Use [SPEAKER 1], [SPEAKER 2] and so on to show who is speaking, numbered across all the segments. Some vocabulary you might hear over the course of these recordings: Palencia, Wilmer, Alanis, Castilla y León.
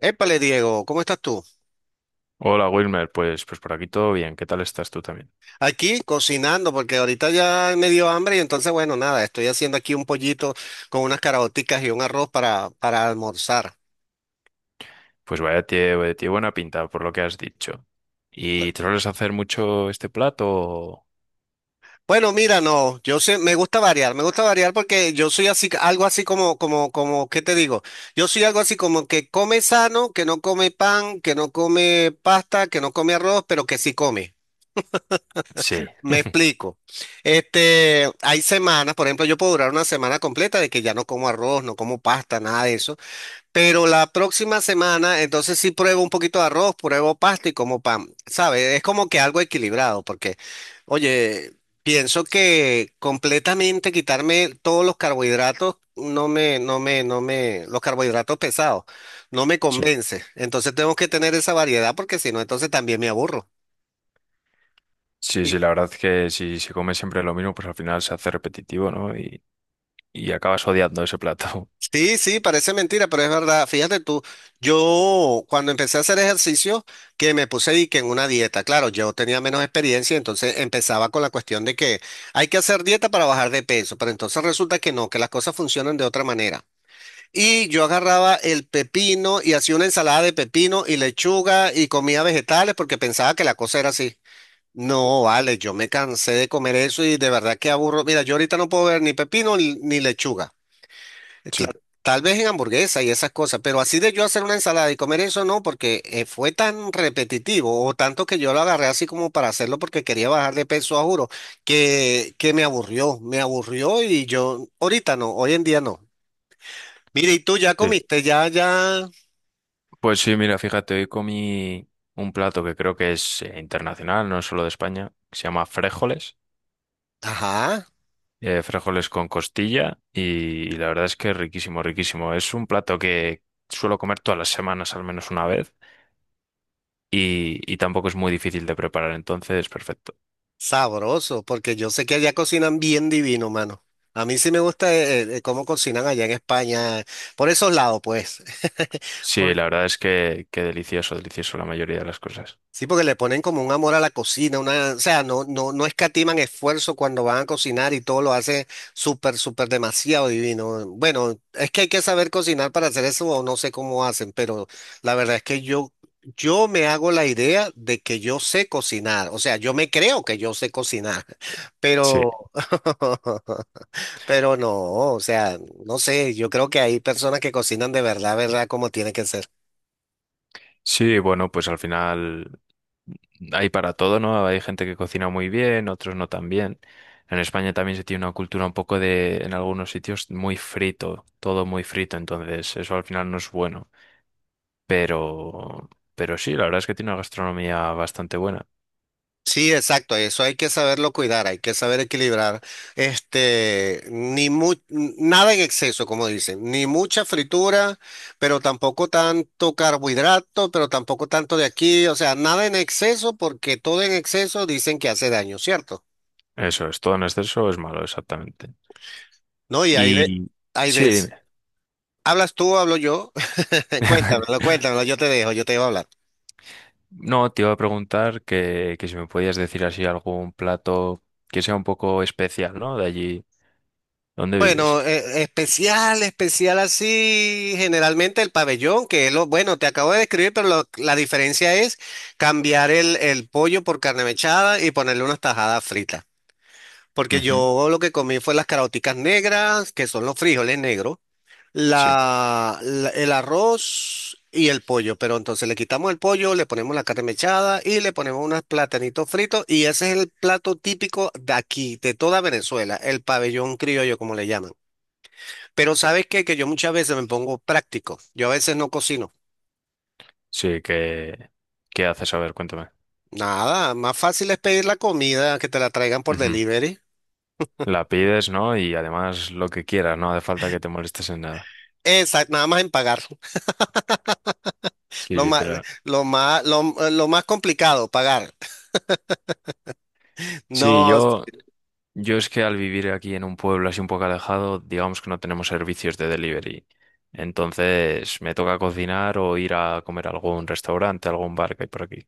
[SPEAKER 1] Épale, Diego, ¿cómo estás tú?
[SPEAKER 2] Hola Wilmer, pues por aquí todo bien, ¿qué tal estás tú también?
[SPEAKER 1] Aquí cocinando porque ahorita ya me dio hambre y entonces, bueno, nada, estoy haciendo aquí un pollito con unas caraoticas y un arroz para almorzar.
[SPEAKER 2] Pues vaya tiene buena pinta por lo que has dicho. ¿Y te sueles hacer mucho este plato? O-
[SPEAKER 1] Bueno, mira, no, yo sé, me gusta variar porque yo soy así, algo así como, ¿qué te digo? Yo soy algo así como que come sano, que no come pan, que no come pasta, que no come arroz, pero que sí come.
[SPEAKER 2] Sí,
[SPEAKER 1] Me explico. Este, hay semanas, por ejemplo, yo puedo durar una semana completa de que ya no como arroz, no como pasta, nada de eso. Pero la próxima semana, entonces sí pruebo un poquito de arroz, pruebo pasta y como pan, ¿sabes? Es como que algo equilibrado, porque, oye, pienso que completamente quitarme todos los carbohidratos, no me, los carbohidratos pesados, no me
[SPEAKER 2] sí.
[SPEAKER 1] convence. Entonces tengo que tener esa variedad, porque si no, entonces también me aburro.
[SPEAKER 2] Sí, sí, la verdad es que si se come siempre lo mismo, pues al final se hace repetitivo, ¿no? Y acabas odiando ese plato.
[SPEAKER 1] Sí, sí, parece mentira, pero es verdad. Fíjate tú, yo cuando empecé a hacer ejercicio, que me puse y que en una dieta, claro, yo tenía menos experiencia, entonces empezaba con la cuestión de que hay que hacer dieta para bajar de peso, pero entonces resulta que no, que las cosas funcionan de otra manera. Y yo agarraba el pepino y hacía una ensalada de pepino y lechuga y comía vegetales porque pensaba que la cosa era así. No, vale, yo me cansé de comer eso y de verdad que aburro. Mira, yo ahorita no puedo ver ni pepino ni lechuga.
[SPEAKER 2] Sí,
[SPEAKER 1] Claro, tal vez en hamburguesa y esas cosas, pero así de yo hacer una ensalada y comer eso no, porque fue tan repetitivo o tanto que yo lo agarré así como para hacerlo porque quería bajar de peso, a juro, que me aburrió y yo ahorita no, hoy en día no. Mire, y tú ya
[SPEAKER 2] sí.
[SPEAKER 1] comiste, ya,
[SPEAKER 2] Pues sí, mira, fíjate, hoy comí un plato que creo que es internacional, no es solo de España, que se llama frijoles.
[SPEAKER 1] ajá,
[SPEAKER 2] Eh, frijoles con costilla y la verdad es que es riquísimo, riquísimo. Es un plato que suelo comer todas las semanas al menos una vez y tampoco es muy difícil de preparar, entonces perfecto.
[SPEAKER 1] sabroso, porque yo sé que allá cocinan bien divino, mano. A mí sí me gusta cómo cocinan allá en España, por esos lados, pues.
[SPEAKER 2] Sí,
[SPEAKER 1] Porque
[SPEAKER 2] la verdad es que delicioso, delicioso la mayoría de las cosas.
[SPEAKER 1] sí, porque le ponen como un amor a la cocina, una, o sea, no escatiman esfuerzo cuando van a cocinar y todo lo hace súper demasiado divino. Bueno, es que hay que saber cocinar para hacer eso o no sé cómo hacen, pero la verdad es que yo me hago la idea de que yo sé cocinar, o sea, yo me creo que yo sé cocinar,
[SPEAKER 2] Sí,
[SPEAKER 1] pero, pero no, o sea, no sé, yo creo que hay personas que cocinan de verdad, verdad, como tiene que ser.
[SPEAKER 2] sí, bueno, pues al final hay para todo, ¿no? Hay gente que cocina muy bien, otros no tan bien. En España también se tiene una cultura un poco de, en algunos sitios, muy frito, todo muy frito, entonces eso al final no es bueno. Pero, pero sí, la verdad es que tiene una gastronomía bastante buena.
[SPEAKER 1] Sí, exacto, eso hay que saberlo cuidar, hay que saber equilibrar, este, ni mu- n- nada en exceso, como dicen, ni mucha fritura, pero tampoco tanto carbohidrato, pero tampoco tanto de aquí, o sea, nada en exceso, porque todo en exceso dicen que hace daño, ¿cierto?
[SPEAKER 2] Eso es, todo en exceso es malo, exactamente.
[SPEAKER 1] No, y
[SPEAKER 2] Y
[SPEAKER 1] hay
[SPEAKER 2] sí,
[SPEAKER 1] veces,
[SPEAKER 2] dime.
[SPEAKER 1] hablas tú, o hablo yo. Cuéntamelo, cuéntamelo, yo te dejo hablar.
[SPEAKER 2] No, te iba a preguntar que si me podías decir así algún plato que sea un poco especial, ¿no? De allí donde vives.
[SPEAKER 1] Bueno, especial, especial así, generalmente el pabellón, que es lo, bueno, te acabo de describir, pero la diferencia es cambiar el pollo por carne mechada y ponerle unas tajadas fritas. Porque
[SPEAKER 2] Ujú.
[SPEAKER 1] yo lo que comí fue las caraoticas negras, que son los frijoles negros,
[SPEAKER 2] Sí,
[SPEAKER 1] el arroz y el pollo. Pero entonces le quitamos el pollo, le ponemos la carne mechada y le ponemos unos platanitos fritos. Y ese es el plato típico de aquí, de toda Venezuela, el pabellón criollo, como le llaman. Pero ¿sabes qué? Que yo muchas veces me pongo práctico. Yo a veces no cocino.
[SPEAKER 2] sí, que, ¿qué haces? A ver, cuéntame.
[SPEAKER 1] Nada, más fácil es pedir la comida que te la traigan por
[SPEAKER 2] Ujú.
[SPEAKER 1] delivery.
[SPEAKER 2] La pides, ¿no? Y además lo que quieras, no hace falta que te molestes en nada.
[SPEAKER 1] Exacto, nada más en pagar.
[SPEAKER 2] Sí,
[SPEAKER 1] Lo más,
[SPEAKER 2] literal.
[SPEAKER 1] lo más complicado, pagar.
[SPEAKER 2] Sí,
[SPEAKER 1] No,
[SPEAKER 2] yo es que al vivir aquí en un pueblo así un poco alejado, digamos que no tenemos servicios de delivery. Entonces me toca cocinar o ir a comer a algún restaurante, a algún bar que hay por aquí.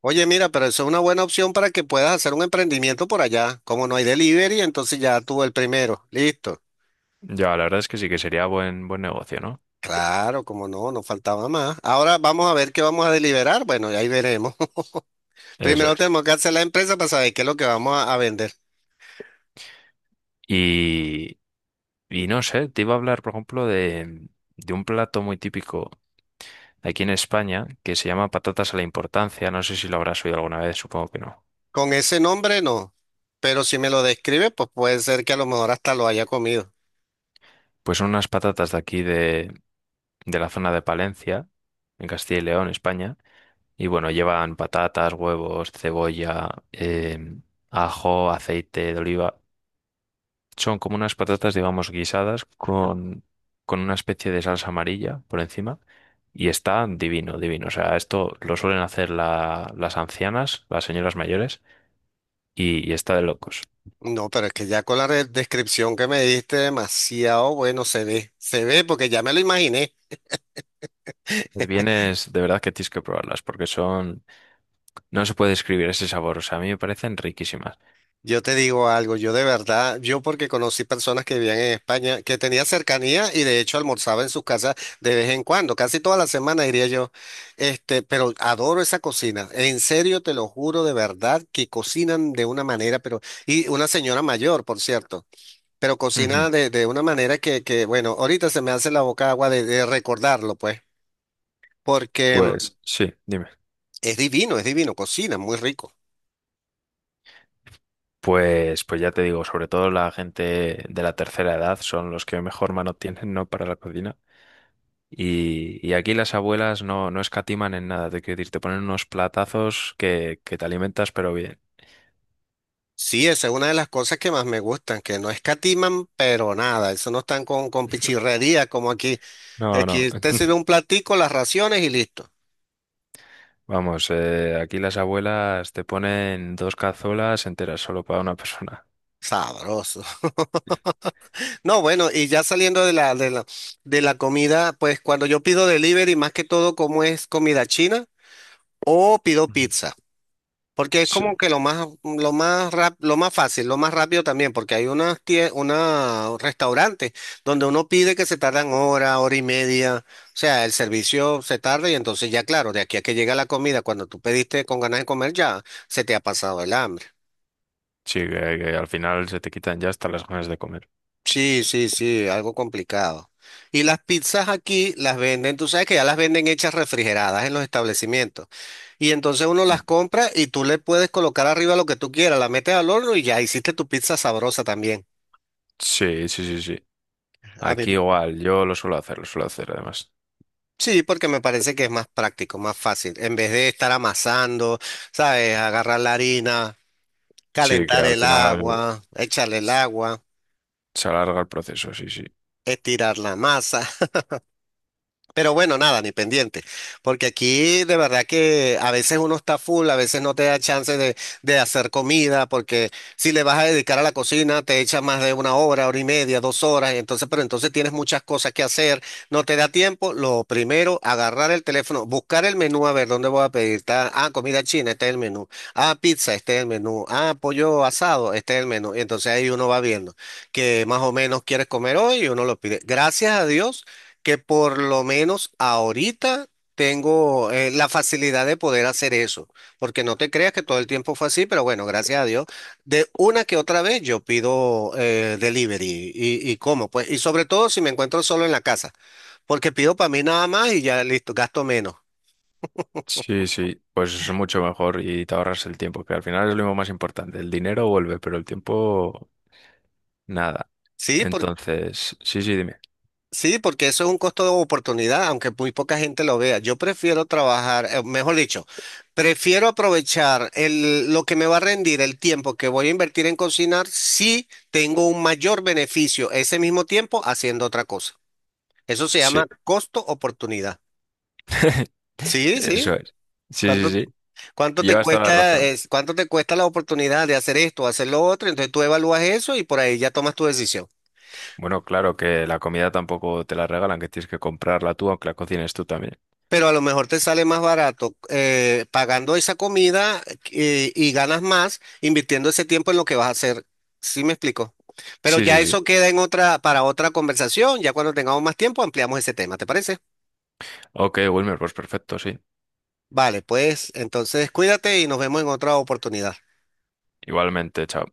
[SPEAKER 1] oye, mira, pero eso es una buena opción para que puedas hacer un emprendimiento por allá. Como no hay delivery, entonces ya tú el primero. Listo.
[SPEAKER 2] Ya, la verdad es que sí que sería buen, buen negocio, ¿no?
[SPEAKER 1] Claro, como no, no faltaba más. Ahora vamos a ver qué vamos a deliberar. Bueno, y ahí veremos.
[SPEAKER 2] Eso
[SPEAKER 1] Primero
[SPEAKER 2] es.
[SPEAKER 1] tenemos que hacer la empresa para saber qué es lo que vamos a vender.
[SPEAKER 2] Y, y no sé, te iba a hablar, por ejemplo, de un plato muy típico aquí en España que se llama patatas a la importancia. No sé si lo habrás oído alguna vez, supongo que no.
[SPEAKER 1] Con ese nombre no, pero si me lo describe, pues puede ser que a lo mejor hasta lo haya comido.
[SPEAKER 2] Pues son unas patatas de aquí de la zona de Palencia, en Castilla y León, España. Y bueno, llevan patatas, huevos, cebolla, ajo, aceite de oliva. Son como unas patatas, digamos, guisadas con una especie de salsa amarilla por encima. Y está divino, divino. O sea, esto lo suelen hacer las ancianas, las señoras mayores, y está de locos.
[SPEAKER 1] No, pero es que ya con la descripción que me diste, demasiado bueno se ve porque ya me lo imaginé.
[SPEAKER 2] Vienes, de verdad que tienes que probarlas, porque son no se puede describir ese sabor, o sea, a mí me parecen riquísimas.
[SPEAKER 1] Yo te digo algo, yo de verdad, yo porque conocí personas que vivían en España, que tenía cercanía y de hecho almorzaba en sus casas de vez en cuando, casi toda la semana diría yo, este, pero adoro esa cocina, en serio te lo juro de verdad que cocinan de una manera, pero, y una señora mayor, por cierto. Pero cocina
[SPEAKER 2] Ujú.
[SPEAKER 1] de una manera bueno, ahorita se me hace la boca agua de recordarlo, pues, porque
[SPEAKER 2] Pues sí, dime.
[SPEAKER 1] es divino, cocina muy rico.
[SPEAKER 2] Pues, pues ya te digo, sobre todo la gente de la tercera edad son los que mejor mano tienen, ¿no? Para la cocina. Y aquí las abuelas no, no escatiman en nada, te quiero decir, te ponen unos platazos que te alimentas, pero bien.
[SPEAKER 1] Sí, esa es una de las cosas que más me gustan, que no escatiman, pero nada, eso no están con pichirrería como aquí, que
[SPEAKER 2] No, no,
[SPEAKER 1] aquí te sirve un platico, las raciones y listo.
[SPEAKER 2] vamos, aquí las abuelas te ponen dos cazuelas enteras solo para una persona.
[SPEAKER 1] Sabroso. No, bueno, y ya saliendo de de la comida, pues cuando yo pido delivery, más que todo como es comida china o pido
[SPEAKER 2] Ujú.
[SPEAKER 1] pizza. Porque es
[SPEAKER 2] Sí,
[SPEAKER 1] como que lo más, lo más fácil, lo más rápido también, porque hay unas tie- una restaurantes donde uno pide que se tardan hora, hora y media, o sea, el servicio se tarda y entonces ya claro, de aquí a que llega la comida, cuando tú pediste con ganas de comer ya se te ha pasado el hambre.
[SPEAKER 2] sí, que al final se te quitan ya hasta las ganas de comer.
[SPEAKER 1] Sí, sí, sí, algo complicado. Y las pizzas aquí las venden, tú sabes que ya las venden hechas refrigeradas en los establecimientos. Y entonces uno
[SPEAKER 2] Mm.
[SPEAKER 1] las compra y tú le puedes colocar arriba lo que tú quieras, la metes al horno y ya hiciste tu pizza sabrosa también.
[SPEAKER 2] Sí, sí, sí, sí.
[SPEAKER 1] A mí,
[SPEAKER 2] Aquí igual, yo lo suelo hacer además.
[SPEAKER 1] sí, porque me parece que es más práctico, más fácil. En vez de estar amasando, ¿sabes? Agarrar la harina,
[SPEAKER 2] Sí, que
[SPEAKER 1] calentar
[SPEAKER 2] al
[SPEAKER 1] el
[SPEAKER 2] final
[SPEAKER 1] agua, echarle el
[SPEAKER 2] s-
[SPEAKER 1] agua,
[SPEAKER 2] se alarga el proceso, sí, sí.
[SPEAKER 1] estirar la masa. Pero bueno, nada, ni pendiente, porque aquí de verdad que a veces uno está full, a veces no te da chance de hacer comida, porque si le vas a dedicar a la cocina, te echa más de una hora, hora y media, dos horas, y entonces, pero entonces tienes muchas cosas que hacer, no te da tiempo. Lo primero, agarrar el teléfono, buscar el menú, a ver dónde voy a pedir. Ah, comida china, este es el menú. Ah, pizza, este es el menú. Ah, pollo asado, este es el menú. Y entonces ahí uno va viendo que más o menos quieres comer hoy y uno lo pide. Gracias a Dios que por lo menos ahorita tengo la facilidad de poder hacer eso, porque no te creas que todo el tiempo fue así, pero bueno, gracias a Dios, de una que otra vez yo pido delivery y como, pues, y sobre todo si me encuentro solo en la casa, porque pido para mí nada más y ya listo, gasto menos.
[SPEAKER 2] Sí, sí, pues es mucho mejor y te ahorras el tiempo, que al final es lo más importante. El dinero vuelve, pero el tiempo, nada.
[SPEAKER 1] Sí,
[SPEAKER 2] Entonces, sí, sí, dime.
[SPEAKER 1] sí, porque eso es un costo de oportunidad, aunque muy poca gente lo vea. Yo prefiero trabajar, mejor dicho, prefiero aprovechar lo que me va a rendir el tiempo que voy a invertir en cocinar si tengo un mayor beneficio ese mismo tiempo haciendo otra cosa. Eso se llama
[SPEAKER 2] Sí,
[SPEAKER 1] costo oportunidad. Sí, sí.
[SPEAKER 2] eso es. Sí, sí,
[SPEAKER 1] ¿Cuánto,
[SPEAKER 2] sí.
[SPEAKER 1] cuánto te
[SPEAKER 2] Llevas toda la
[SPEAKER 1] cuesta,
[SPEAKER 2] razón.
[SPEAKER 1] cuánto te cuesta la oportunidad de hacer esto, hacer lo otro? Entonces tú evalúas eso y por ahí ya tomas tu decisión.
[SPEAKER 2] Bueno, claro que la comida tampoco te la regalan, que tienes que comprarla tú, aunque la cocines tú también.
[SPEAKER 1] Pero a lo mejor te sale más barato pagando esa comida y ganas más invirtiendo ese tiempo en lo que vas a hacer. ¿Sí me explico? Pero
[SPEAKER 2] Sí,
[SPEAKER 1] ya
[SPEAKER 2] sí, sí.
[SPEAKER 1] eso queda en otra, para otra conversación. Ya cuando tengamos más tiempo ampliamos ese tema, ¿te parece?
[SPEAKER 2] Ok, Wilmer, pues perfecto, sí.
[SPEAKER 1] Vale, pues entonces cuídate y nos vemos en otra oportunidad.
[SPEAKER 2] Igualmente, chao.